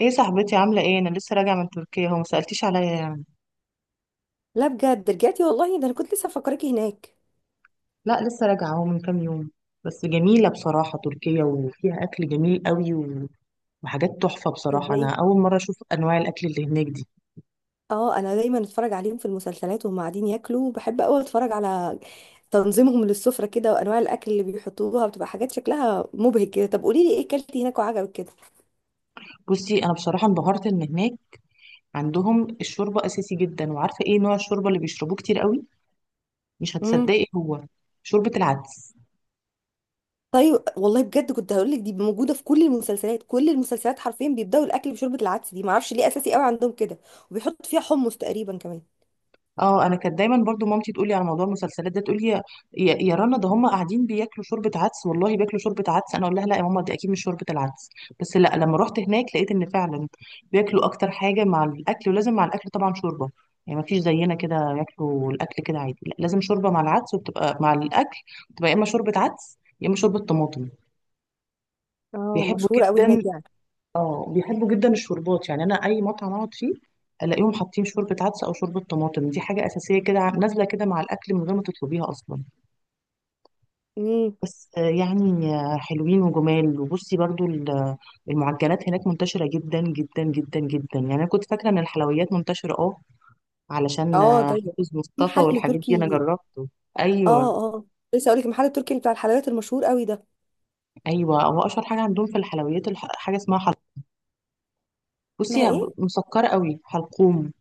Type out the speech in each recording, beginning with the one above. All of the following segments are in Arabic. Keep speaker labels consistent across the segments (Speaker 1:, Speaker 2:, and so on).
Speaker 1: ايه صاحبتي، عاملة ايه؟ انا لسه راجعة من تركيا، هو ما سألتيش عليا يعني.
Speaker 2: لا، بجد رجعتي والله؟ ده انا كنت لسه مفكراكي هناك.
Speaker 1: لا لسه راجعة اهو من كام يوم. بس جميلة بصراحة تركيا، وفيها اكل جميل قوي وحاجات تحفة بصراحة. انا
Speaker 2: تصدقي،
Speaker 1: اول مرة اشوف انواع الاكل اللي هناك دي.
Speaker 2: اه انا دايما اتفرج عليهم في المسلسلات وهم قاعدين ياكلوا. بحب قوي اتفرج على تنظيمهم للسفرة كده وانواع الاكل اللي بيحطوها، بتبقى حاجات شكلها مبهج كده. طب قولي لي ايه اكلتي هناك وعجبك كده؟
Speaker 1: بصي انا بصراحة انبهرت ان هناك عندهم الشوربة اساسي جدا. وعارفة ايه نوع الشوربة اللي بيشربوه كتير قوي؟ مش
Speaker 2: امم.
Speaker 1: هتصدقي، هو شوربة العدس.
Speaker 2: طيب والله بجد كنت هقول لك دي موجودة في كل المسلسلات، كل المسلسلات حرفيا بيبدأوا الاكل بشوربة العدس دي، معرفش ليه اساسي قوي عندهم كده، وبيحط فيها حمص تقريبا كمان.
Speaker 1: اه انا كانت دايما برضو مامتي تقولي على موضوع المسلسلات ده، تقولي يا يا رنا، ده هم قاعدين بياكلوا شوربه عدس، والله بياكلوا شوربه عدس، انا اقول لها لا يا ماما، دي اكيد مش شوربه العدس. بس لا لما رحت هناك لقيت ان فعلا بياكلوا اكتر حاجه مع الاكل، ولازم مع الاكل طبعا شوربه. يعني ما فيش زينا كده ياكلوا الاكل كده عادي، لا لازم شوربه مع العدس وبتبقى مع الاكل. بتبقى يا اما شوربه عدس يا اما شوربه طماطم.
Speaker 2: اه
Speaker 1: بيحبوا
Speaker 2: مشهورة قوي
Speaker 1: جدا.
Speaker 2: هناك يعني.
Speaker 1: اه بيحبوا جدا الشوربات يعني. انا اي مطعم اقعد فيه الاقيهم حاطين شوربه عدس او شوربه طماطم. دي حاجه اساسيه كده، نازله كده مع الاكل من غير ما تطلبيها اصلا.
Speaker 2: امم.
Speaker 1: بس يعني حلوين وجمال. وبصي برضو المعجنات هناك منتشره جدا جدا جدا جدا. يعني انا كنت فاكره ان الحلويات منتشره اه، علشان
Speaker 2: اه طيب.
Speaker 1: حافظ
Speaker 2: في
Speaker 1: مصطفى
Speaker 2: محل
Speaker 1: والحاجات دي انا
Speaker 2: تركي؟
Speaker 1: جربته. ايوه.
Speaker 2: اه اه. لسه اقول لك المحل التركي اللي بتاع الحلويات المشهور قوي ده.
Speaker 1: ايوه هو اشهر حاجه عندهم في الحلويات حاجه اسمها حلقوم. بصي
Speaker 2: اسمها
Speaker 1: هي
Speaker 2: ايه؟
Speaker 1: مسكره قوي، حلقوم.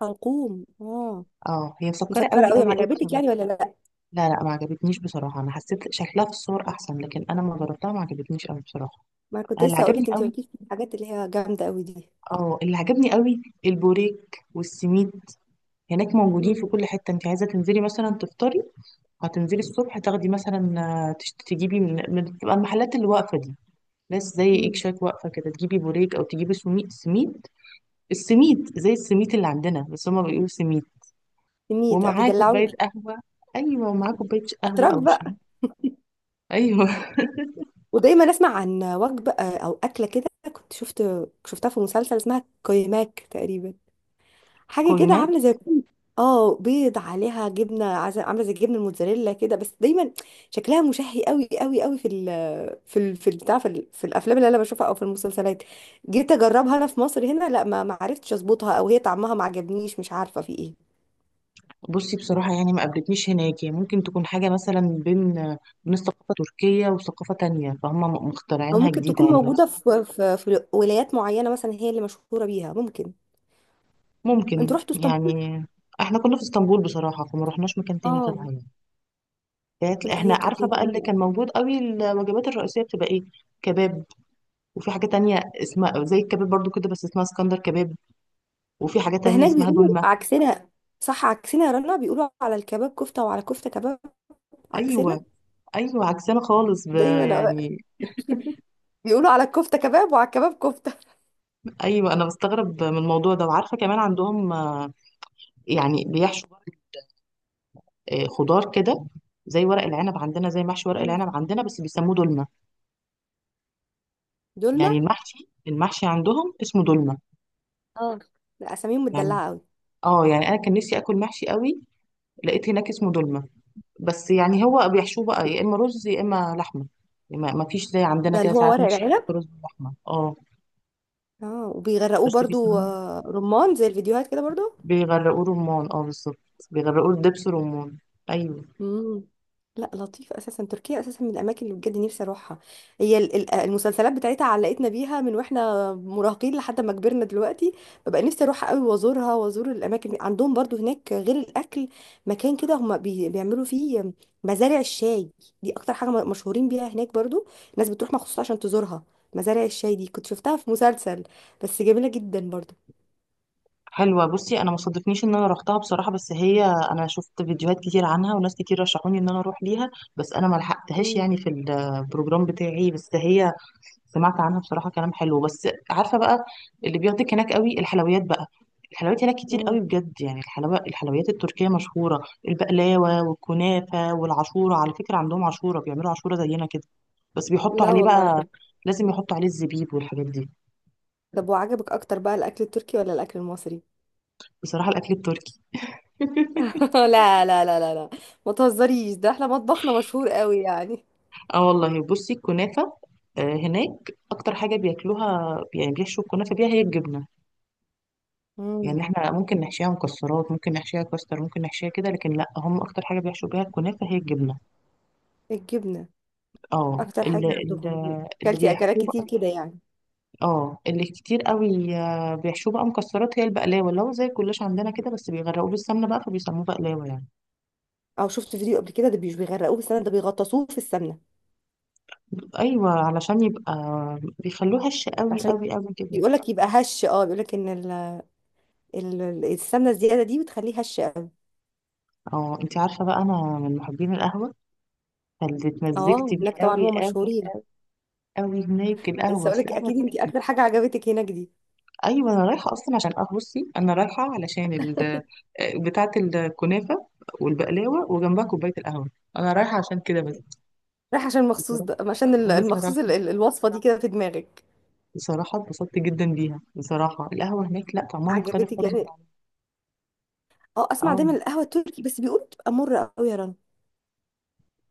Speaker 2: حلقوم، اه.
Speaker 1: اه هي مسكره
Speaker 2: مسكره
Speaker 1: قوي
Speaker 2: قوي، ما
Speaker 1: قوي قوي
Speaker 2: عجبتك
Speaker 1: بصراحه.
Speaker 2: يعني ولا لا؟
Speaker 1: لا لا ما عجبتنيش بصراحة، أنا حسيت شكلها في الصور أحسن، لكن أنا ما جربتها ما عجبتنيش أوي بصراحة.
Speaker 2: ما كنت
Speaker 1: أنا اللي
Speaker 2: لسه اقول
Speaker 1: عجبني
Speaker 2: لك انت
Speaker 1: أوي،
Speaker 2: مالكيش في الحاجات اللي هي جامده قوي دي.
Speaker 1: أه اللي عجبني أوي البوريك والسميد. هناك موجودين في
Speaker 2: امم.
Speaker 1: كل حتة. أنت عايزة تنزلي مثلا تفطري، هتنزلي الصبح تاخدي مثلا تجيبي تبقى المحلات اللي واقفة دي، ناس زي إيك
Speaker 2: امم.
Speaker 1: شاك، واقفة كده تجيبي بوريك أو تجيبي سميد. سميد، السميد زي السميد اللي عندنا، بس هما بيقولوا سميد.
Speaker 2: ميت
Speaker 1: ومعاه كوباية
Speaker 2: بيدلعوني.
Speaker 1: قهوة. أيوة، ومعاه كوباية قهوة
Speaker 2: اتراك
Speaker 1: أو شاي.
Speaker 2: بقى.
Speaker 1: أيوة
Speaker 2: ودايما اسمع عن وجبه او اكله كده، كنت شفت، شفتها في مسلسل اسمها كويماك تقريبا. حاجه كده
Speaker 1: كويمات.
Speaker 2: عامله زي كل، اه بيض عليها جبنه عامله زي الجبنه الموتزاريلا كده، بس دايما شكلها مشهي قوي قوي قوي في في الافلام اللي انا بشوفها او في المسلسلات. جيت اجربها انا في مصر هنا، لا ما عرفتش اظبطها، او هي طعمها ما عجبنيش، مش عارفه في ايه.
Speaker 1: بصي بصراحة يعني ما قابلتنيش هناك. يعني ممكن تكون حاجة مثلا بين بين الثقافة التركية وثقافة تانية،
Speaker 2: او
Speaker 1: مخترعينها
Speaker 2: ممكن
Speaker 1: جديدة
Speaker 2: تكون
Speaker 1: يعني.
Speaker 2: موجوده
Speaker 1: بس
Speaker 2: في في ولايات معينه مثلا هي اللي مشهوره بيها، ممكن. انتوا
Speaker 1: ممكن
Speaker 2: رحتوا اسطنبول؟
Speaker 1: يعني. احنا كنا في اسطنبول بصراحة، فما رحناش مكان تاني
Speaker 2: اه.
Speaker 1: غيرها يعني.
Speaker 2: لا
Speaker 1: احنا
Speaker 2: هي
Speaker 1: عارفة
Speaker 2: تركيا
Speaker 1: بقى اللي
Speaker 2: جميله.
Speaker 1: كان موجود قوي، الوجبات الرئيسية بتبقى ايه؟ كباب. وفي حاجة تانية اسمها زي الكباب برضو كده بس اسمها اسكندر كباب. وفي حاجة
Speaker 2: ده
Speaker 1: تانية
Speaker 2: هناك
Speaker 1: اسمها
Speaker 2: بيقولوا
Speaker 1: دولمة.
Speaker 2: عكسنا، صح عكسنا يا رنا، بيقولوا على الكباب كفته وعلى كفته كباب. عكسنا.
Speaker 1: ايوه. ايوه عكسنا خالص،
Speaker 2: دايما
Speaker 1: يعني.
Speaker 2: بيقولوا على الكفته كباب وعلى الكباب كفته.
Speaker 1: ايوه انا بستغرب من الموضوع ده. وعارفة كمان عندهم يعني بيحشوا خضار كده، زي ورق العنب عندنا، زي محشي ورق
Speaker 2: مم.
Speaker 1: العنب عندنا بس بيسموه دولمة.
Speaker 2: دولمه،
Speaker 1: يعني المحشي، المحشي عندهم اسمه دولمة
Speaker 2: اه. لا اساميهم
Speaker 1: يعني.
Speaker 2: متدلعه قوي.
Speaker 1: اه يعني انا كان نفسي اكل محشي قوي، لقيت هناك اسمه دولمة. بس يعني هو بيحشوه بقى يا اما رز يا اما لحمة. يعني ما فيش زي عندنا
Speaker 2: ده اللي
Speaker 1: كده
Speaker 2: هو
Speaker 1: ساعات
Speaker 2: ورق
Speaker 1: محشي
Speaker 2: العنب،
Speaker 1: يحط رز ولحمة. اه
Speaker 2: اه، وبيغرقوه
Speaker 1: بس
Speaker 2: برضو
Speaker 1: بيسموه،
Speaker 2: رمان زي الفيديوهات كده برضو.
Speaker 1: بيغرقوه رمان، اه بالظبط. بيغرقوه دبس رمان. ايوه.
Speaker 2: مم. لا لطيف. اساسا تركيا اساسا من الاماكن اللي بجد نفسي اروحها. هي المسلسلات بتاعتها علقتنا بيها من واحنا مراهقين لحد ما كبرنا دلوقتي. ببقى نفسي اروحها قوي وازورها وازور الاماكن دي. عندهم برضو هناك غير الاكل مكان كده هم بيعملوا فيه مزارع الشاي، دي اكتر حاجه مشهورين بيها هناك برضو. الناس بتروح مخصوص عشان تزورها. مزارع الشاي دي كنت شفتها في مسلسل، بس جميله جدا برضو.
Speaker 1: حلوة. بصي انا ما صادفنيش ان انا روحتها بصراحة، بس هي انا شفت فيديوهات كتير عنها، وناس كتير رشحوني ان انا اروح ليها. بس انا ما لحقتهاش
Speaker 2: مم.
Speaker 1: يعني في البروجرام بتاعي. بس هي سمعت عنها بصراحة كلام حلو. بس عارفة بقى، اللي بياخدك هناك قوي الحلويات بقى. الحلويات هناك كتير
Speaker 2: مم.
Speaker 1: قوي بجد يعني. الحلوى، الحلويات التركية مشهورة، البقلاوة والكنافة والعشورة. على فكرة عندهم عشورة، بيعملوا عشورة زينا كده، بس بيحطوا
Speaker 2: لا
Speaker 1: عليه
Speaker 2: والله.
Speaker 1: بقى،
Speaker 2: طب.
Speaker 1: لازم يحطوا عليه الزبيب والحاجات دي.
Speaker 2: طب وعجبك اكتر بقى الاكل التركي ولا الاكل المصري؟
Speaker 1: بصراحة الأكل التركي
Speaker 2: لا لا لا لا لا، ما تهزريش، ده احنا مطبخنا مشهور قوي يعني.
Speaker 1: اه والله بصي الكنافة، هناك أكتر حاجة بياكلوها يعني بيحشوا الكنافة بيها هي الجبنة.
Speaker 2: امم.
Speaker 1: يعني احنا ممكن نحشيها مكسرات، ممكن نحشيها كاستر، ممكن نحشيها كده، لكن لا هم أكتر حاجة بيحشوا بيها الكنافة هي الجبنة.
Speaker 2: الجبنة.
Speaker 1: اه
Speaker 2: اكتر حاجة
Speaker 1: اللي,
Speaker 2: عندهم يعني.
Speaker 1: اللي
Speaker 2: اكلتي اكلات
Speaker 1: بيحشوه
Speaker 2: كتير
Speaker 1: بقى،
Speaker 2: كده يعني.
Speaker 1: اه اللي كتير قوي بيحشوه بقى مكسرات هي البقلاوة، اللي هو زي الكلاش عندنا كده، بس بيغرقوه بالسمنة بقى فبيسموه بقلاوة يعني.
Speaker 2: او شفت فيديو قبل كده، ده مش بيغرقوه بالسمنة، ده بيغطسوه في السمنة.
Speaker 1: أيوة علشان يبقى، بيخلوه هش قوي
Speaker 2: عشان
Speaker 1: قوي قوي كده.
Speaker 2: بيقول لك يبقى هش، اه بيقول لك ان السمنة الزيادة دي بتخليه هش قوي.
Speaker 1: اه انتي عارفة بقى أنا من محبين القهوة، فاللي
Speaker 2: اه
Speaker 1: اتمزجت بيه
Speaker 2: هناك طبعا
Speaker 1: قوي
Speaker 2: هو
Speaker 1: قوي،
Speaker 2: مشهورين.
Speaker 1: قوي هناك
Speaker 2: لسه
Speaker 1: القهوة،
Speaker 2: اقول
Speaker 1: اصل
Speaker 2: لك
Speaker 1: القهوة
Speaker 2: اكيد انت
Speaker 1: تركي.
Speaker 2: اكتر حاجة عجبتك هناك دي.
Speaker 1: ايوه انا رايحة اصلا عشان قهوة. بصي انا رايحة علشان ال بتاعة الكنافة والبقلاوة وجنبها كوباية القهوة، انا رايحة عشان كده بس.
Speaker 2: رايح عشان المخصوص
Speaker 1: بصراحة،
Speaker 2: ده عشان المخصوص
Speaker 1: بصراحة،
Speaker 2: الوصفة دي كده في دماغك.
Speaker 1: بصراحة اتبسطت جدا بيها. بصراحة القهوة هناك لا، طعمها مختلف
Speaker 2: عجبتك
Speaker 1: خالص من
Speaker 2: يعني.
Speaker 1: عندنا.
Speaker 2: اه اسمع
Speaker 1: اه
Speaker 2: دايما القهوة التركي بس بيقولوا بتبقى مرة قوي يا رنا.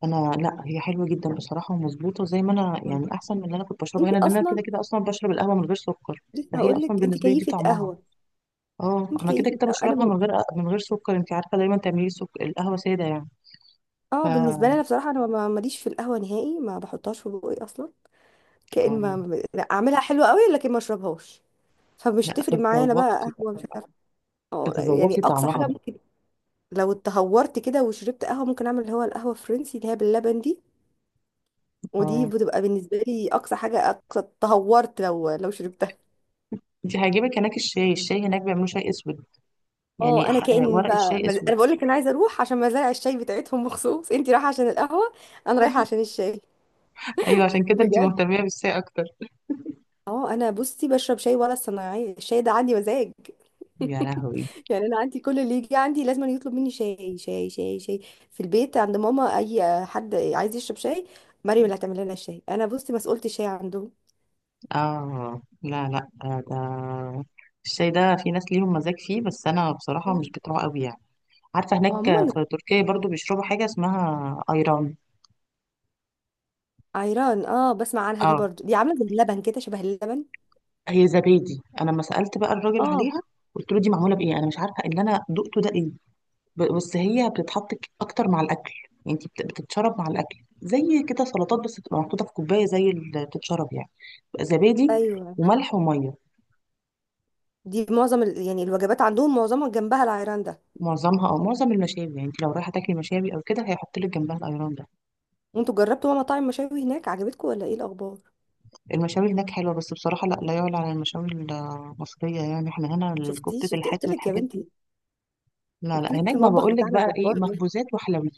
Speaker 1: انا لا هي حلوة جدا بصراحة، ومظبوطة زي ما انا
Speaker 2: والله.
Speaker 1: يعني، احسن من اللي انا كنت بشربها
Speaker 2: انت
Speaker 1: هنا، لان انا كده
Speaker 2: اصلا،
Speaker 1: كده اصلا بشرب القهوة من غير سكر.
Speaker 2: لسه
Speaker 1: فهي
Speaker 2: هقول
Speaker 1: اصلا
Speaker 2: لك انت
Speaker 1: بالنسبة لي دي
Speaker 2: كيفه
Speaker 1: طعمها،
Speaker 2: قهوه.
Speaker 1: اه
Speaker 2: انت
Speaker 1: انا كده
Speaker 2: كيفه
Speaker 1: كده
Speaker 2: قهوة. انا
Speaker 1: بشربها
Speaker 2: بن...
Speaker 1: من غير، من غير سكر. انت عارفه دايما تعملي سكر، القهوه ساده يعني. ف
Speaker 2: اه بالنسبه لي
Speaker 1: آه.
Speaker 2: انا بصراحه انا ماليش في القهوه نهائي، ما بحطهاش في بوقي اصلا. كأن لا، اعملها حلوه قوي لكن ما اشربهاش، فمش
Speaker 1: لا
Speaker 2: تفرق معايا انا بقى
Speaker 1: تتذوقي بقى،
Speaker 2: قهوه مش عارفه. اه يعني
Speaker 1: تتذوقي
Speaker 2: اقصى
Speaker 1: طعمها
Speaker 2: حاجه
Speaker 1: بقى.
Speaker 2: ممكن، لو اتهورت كده وشربت قهوه ممكن اعمل اللي هو القهوه الفرنسي اللي هي باللبن دي، ودي
Speaker 1: اه
Speaker 2: بتبقى بالنسبه لي اقصى حاجه اقصى تهورت لو شربتها.
Speaker 1: انت هيعجبك هناك الشاي. الشاي هناك بيعملوا شاي اسود،
Speaker 2: اه
Speaker 1: يعني
Speaker 2: انا
Speaker 1: ورق الشاي اسود.
Speaker 2: انا بقول لك انا عايزه اروح عشان مزارع الشاي بتاعتهم مخصوص، انت رايحه عشان القهوه انا رايحه عشان الشاي.
Speaker 1: ايوه عشان كده انت
Speaker 2: بجد.
Speaker 1: مهتميه بالشاي اكتر.
Speaker 2: اه انا بصي بشرب شاي ولا الصناعيه الشاي ده عندي مزاج.
Speaker 1: يا لهوي.
Speaker 2: يعني انا عندي كل اللي يجي عندي لازم يطلب مني شاي شاي شاي شاي. في البيت عند ماما اي حد عايز يشرب شاي مريم اللي هتعمل لنا الشاي، انا بصي مسؤولة الشاي عندهم.
Speaker 1: اه لا لا ده الشاي ده في ناس ليهم مزاج فيه، بس انا بصراحه مش بتوعه قوي يعني. عارفه هناك
Speaker 2: وعموما.
Speaker 1: في تركيا برضو بيشربوا حاجه اسمها ايران.
Speaker 2: عيران، اه بسمع عنها دي
Speaker 1: اه
Speaker 2: برضو، دي عامله زي اللبن كده شبه اللبن.
Speaker 1: هي زبادي. انا لما سالت بقى الراجل
Speaker 2: اه.
Speaker 1: عليها قلت له دي معموله بايه، انا مش عارفه اللي انا دقته ده ايه. بس هي بتتحط اكتر مع الاكل، يعني انت بتتشرب مع الاكل، زي كده سلطات، بس بتبقى محطوطه في كوبايه زي اللي بتتشرب يعني. بتبقى زبادي
Speaker 2: ايوه.
Speaker 1: وملح وميه.
Speaker 2: دي معظم ال... يعني الوجبات عندهم معظمها جنبها العيران ده.
Speaker 1: معظمها او معظم المشاوي، يعني انت لو رايحه تاكلي مشاوي او كده هيحط لك جنبها الايران ده.
Speaker 2: وانتوا جربتوا بقى مطاعم مشاوي هناك عجبتكم ولا ايه الاخبار؟
Speaker 1: المشاوي هناك حلوه، بس بصراحه لا لا يعلى على المشاوي المصريه يعني، احنا هنا
Speaker 2: شفتي
Speaker 1: الكفته
Speaker 2: شفتي قلت
Speaker 1: الحاتي
Speaker 2: لك يا
Speaker 1: والحاجات دي.
Speaker 2: بنتي،
Speaker 1: لا لا
Speaker 2: قلت لك
Speaker 1: هناك ما
Speaker 2: المطبخ
Speaker 1: بقول لك
Speaker 2: بتاعنا
Speaker 1: بقى ايه،
Speaker 2: جبار ده.
Speaker 1: مخبوزات وحلويات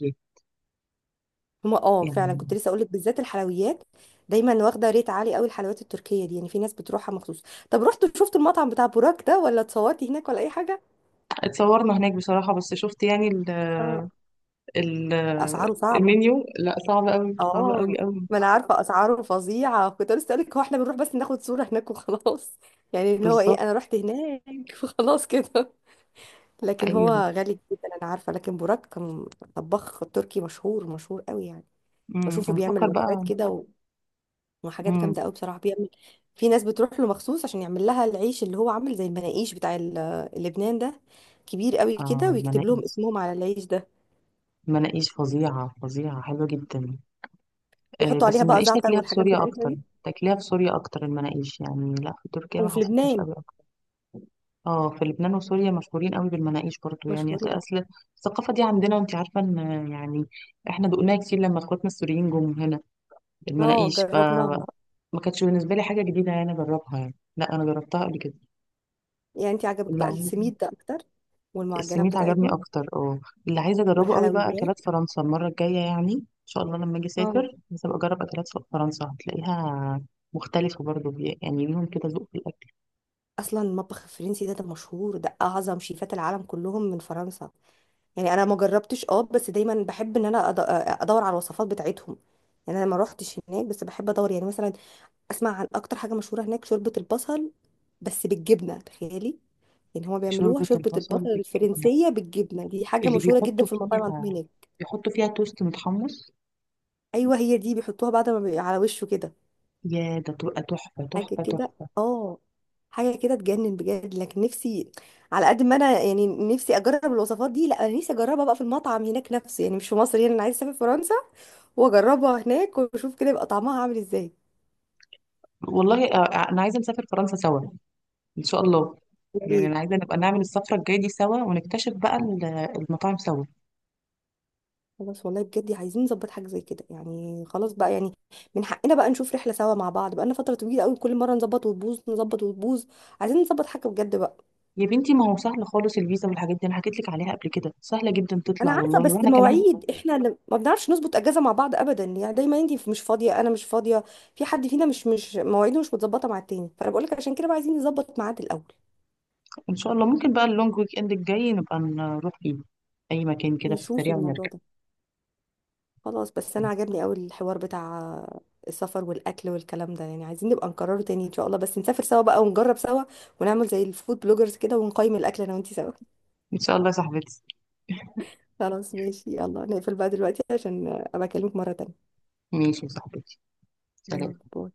Speaker 2: هما اه فعلا،
Speaker 1: يعني.
Speaker 2: كنت لسه اقول لك بالذات الحلويات، دايما واخده ريت عالي قوي الحلويات التركيه دي، يعني في ناس بتروحها مخصوص. طب رحتوا شفتوا المطعم بتاع بوراك ده، ولا اتصورتي هناك ولا اي حاجه؟
Speaker 1: اتصورنا هناك بصراحة، بس شفت يعني ال
Speaker 2: اه.
Speaker 1: ال
Speaker 2: اسعاره صعبه.
Speaker 1: المنيو، لا صعب قوي، صعب
Speaker 2: اه
Speaker 1: قوي قوي.
Speaker 2: ما انا عارفه اسعاره فظيعه، كنت لسه اقول لك هو احنا بنروح بس ناخد صوره هناك وخلاص. يعني اللي هو ايه،
Speaker 1: بالظبط.
Speaker 2: انا رحت هناك. وخلاص كده. لكن هو
Speaker 1: ايوه.
Speaker 2: غالي جدا انا عارفه. لكن بوراك كان طباخ تركي مشهور مشهور قوي يعني. بشوفه
Speaker 1: انا
Speaker 2: بيعمل
Speaker 1: بفكر
Speaker 2: وجبات
Speaker 1: بقى.
Speaker 2: كده وحاجات
Speaker 1: امم.
Speaker 2: جامده قوي بصراحه بيعمل. في ناس بتروح له مخصوص عشان يعمل لها العيش اللي هو عامل زي المناقيش بتاع لبنان ده، كبير قوي
Speaker 1: اه
Speaker 2: كده ويكتب لهم
Speaker 1: المناقيش،
Speaker 2: اسمهم على العيش ده.
Speaker 1: المناقيش فظيعة فظيعة، حلوة جدا. آه
Speaker 2: بيحطوا
Speaker 1: بس
Speaker 2: عليها بقى
Speaker 1: المناقيش
Speaker 2: زعتر
Speaker 1: تاكليها في
Speaker 2: والحاجات
Speaker 1: سوريا
Speaker 2: بتاعتنا
Speaker 1: اكتر،
Speaker 2: دي.
Speaker 1: تاكليها في سوريا اكتر المناقيش يعني، لا في تركيا ما
Speaker 2: وفي
Speaker 1: حسيتهاش
Speaker 2: لبنان
Speaker 1: قوي اكتر. اه في لبنان وسوريا مشهورين قوي بالمناقيش برضو يعني، اصل
Speaker 2: مشهورين.
Speaker 1: أصل الثقافة دي عندنا، وانت عارفة ان يعني احنا دقناها كتير لما اخواتنا السوريين جم هنا،
Speaker 2: اه
Speaker 1: المناقيش
Speaker 2: جربناها.
Speaker 1: ما كانتش بالنسبه لي حاجه جديده يعني اجربها يعني، لا انا جربتها قبل كده.
Speaker 2: يعني انت عجبك
Speaker 1: اللي
Speaker 2: بقى
Speaker 1: عايز،
Speaker 2: السميد ده اكتر والمعجنات
Speaker 1: السميت عجبني
Speaker 2: بتاعتهم
Speaker 1: اكتر اه. اللي عايزه اجربه قوي بقى
Speaker 2: والحلويات.
Speaker 1: اكلات فرنسا المره الجايه يعني، ان شاء الله لما اجي
Speaker 2: اه.
Speaker 1: اسافر لازم اجرب اكلات فرنسا. هتلاقيها مختلفه برضو، يعني ليهم كده ذوق في الاكل.
Speaker 2: اصلا المطبخ الفرنسي ده ده مشهور، ده اعظم شيفات العالم كلهم من فرنسا، يعني انا ما جربتش اه بس دايما بحب ان انا ادور على الوصفات بتاعتهم. يعني انا ما روحتش هناك بس بحب ادور. يعني مثلا اسمع عن اكتر حاجه مشهوره هناك شوربه البصل، بس بالجبنه تخيلي، يعني هما بيعملوها
Speaker 1: شوربه
Speaker 2: شوربه
Speaker 1: البصل
Speaker 2: البصل
Speaker 1: بالجبنه،
Speaker 2: الفرنسيه بالجبنه، دي حاجه
Speaker 1: اللي
Speaker 2: مشهوره جدا
Speaker 1: بيحطوا
Speaker 2: في المطاعم عندهم
Speaker 1: فيها،
Speaker 2: هناك.
Speaker 1: بيحطوا فيها توست متحمص.
Speaker 2: ايوه هي دي بيحطوها بعد ما على وشه كده.
Speaker 1: يا ده تبقى تحفه
Speaker 2: حاجة
Speaker 1: تحفه
Speaker 2: كده،
Speaker 1: تحفه.
Speaker 2: اه حاجة كده تجنن بجد. لكن نفسي، على قد ما انا يعني نفسي اجرب الوصفات دي، لا انا نفسي اجربها بقى في المطعم هناك نفسه يعني مش في مصر، يعني انا عايزة اسافر فرنسا واجربها هناك واشوف كده يبقى طعمها عامل ازاي.
Speaker 1: والله انا عايزه نسافر فرنسا سوا ان شاء الله.
Speaker 2: يا
Speaker 1: يعني انا
Speaker 2: ريت.
Speaker 1: عايزه نبقى نعمل السفره الجايه دي سوا، ونكتشف بقى المطاعم سوا.
Speaker 2: خلاص والله بجد عايزين نظبط حاجة زي كده، يعني خلاص بقى يعني من حقنا بقى نشوف رحلة سوا مع بعض، بقى لنا فترة طويلة قوي كل مرة نظبط وتبوظ نظبط وتبوظ. عايزين نظبط حاجة بجد بقى.
Speaker 1: يا بنتي ما هو سهل خالص، الفيزا والحاجات دي انا حكيت لك عليها قبل كده، سهله جدا
Speaker 2: انا
Speaker 1: تطلع
Speaker 2: عارفه
Speaker 1: والله،
Speaker 2: بس
Speaker 1: واحنا كمان
Speaker 2: مواعيد احنا ما بنعرفش نظبط اجازه مع بعض ابدا، يعني دايما انت مش فاضيه انا مش فاضيه، في حد فينا مش مواعيده مش متظبطه مع التاني، فانا بقول لك عشان كده بقى عايزين نظبط ميعاد الاول.
Speaker 1: ان شاء الله ممكن بقى اللونج ويك اند الجاي نبقى نروح فيه اي مكان كده في
Speaker 2: نشوف
Speaker 1: السريع
Speaker 2: الموضوع
Speaker 1: ونرجع.
Speaker 2: ده. خلاص، بس انا عجبني قوي الحوار بتاع السفر والاكل والكلام ده، يعني عايزين نبقى نكرره تاني ان شاء الله، بس نسافر سوا بقى ونجرب سوا ونعمل زي الفود بلوجرز كده ونقيم الاكل انا وانت سوا.
Speaker 1: ان شاء الله يا صاحبتي.
Speaker 2: خلاص ماشي، يلا نقفل بقى دلوقتي عشان ابقى اكلمك مره تانيه.
Speaker 1: ماشي يا صاحبتي، سلام.
Speaker 2: يلا باي.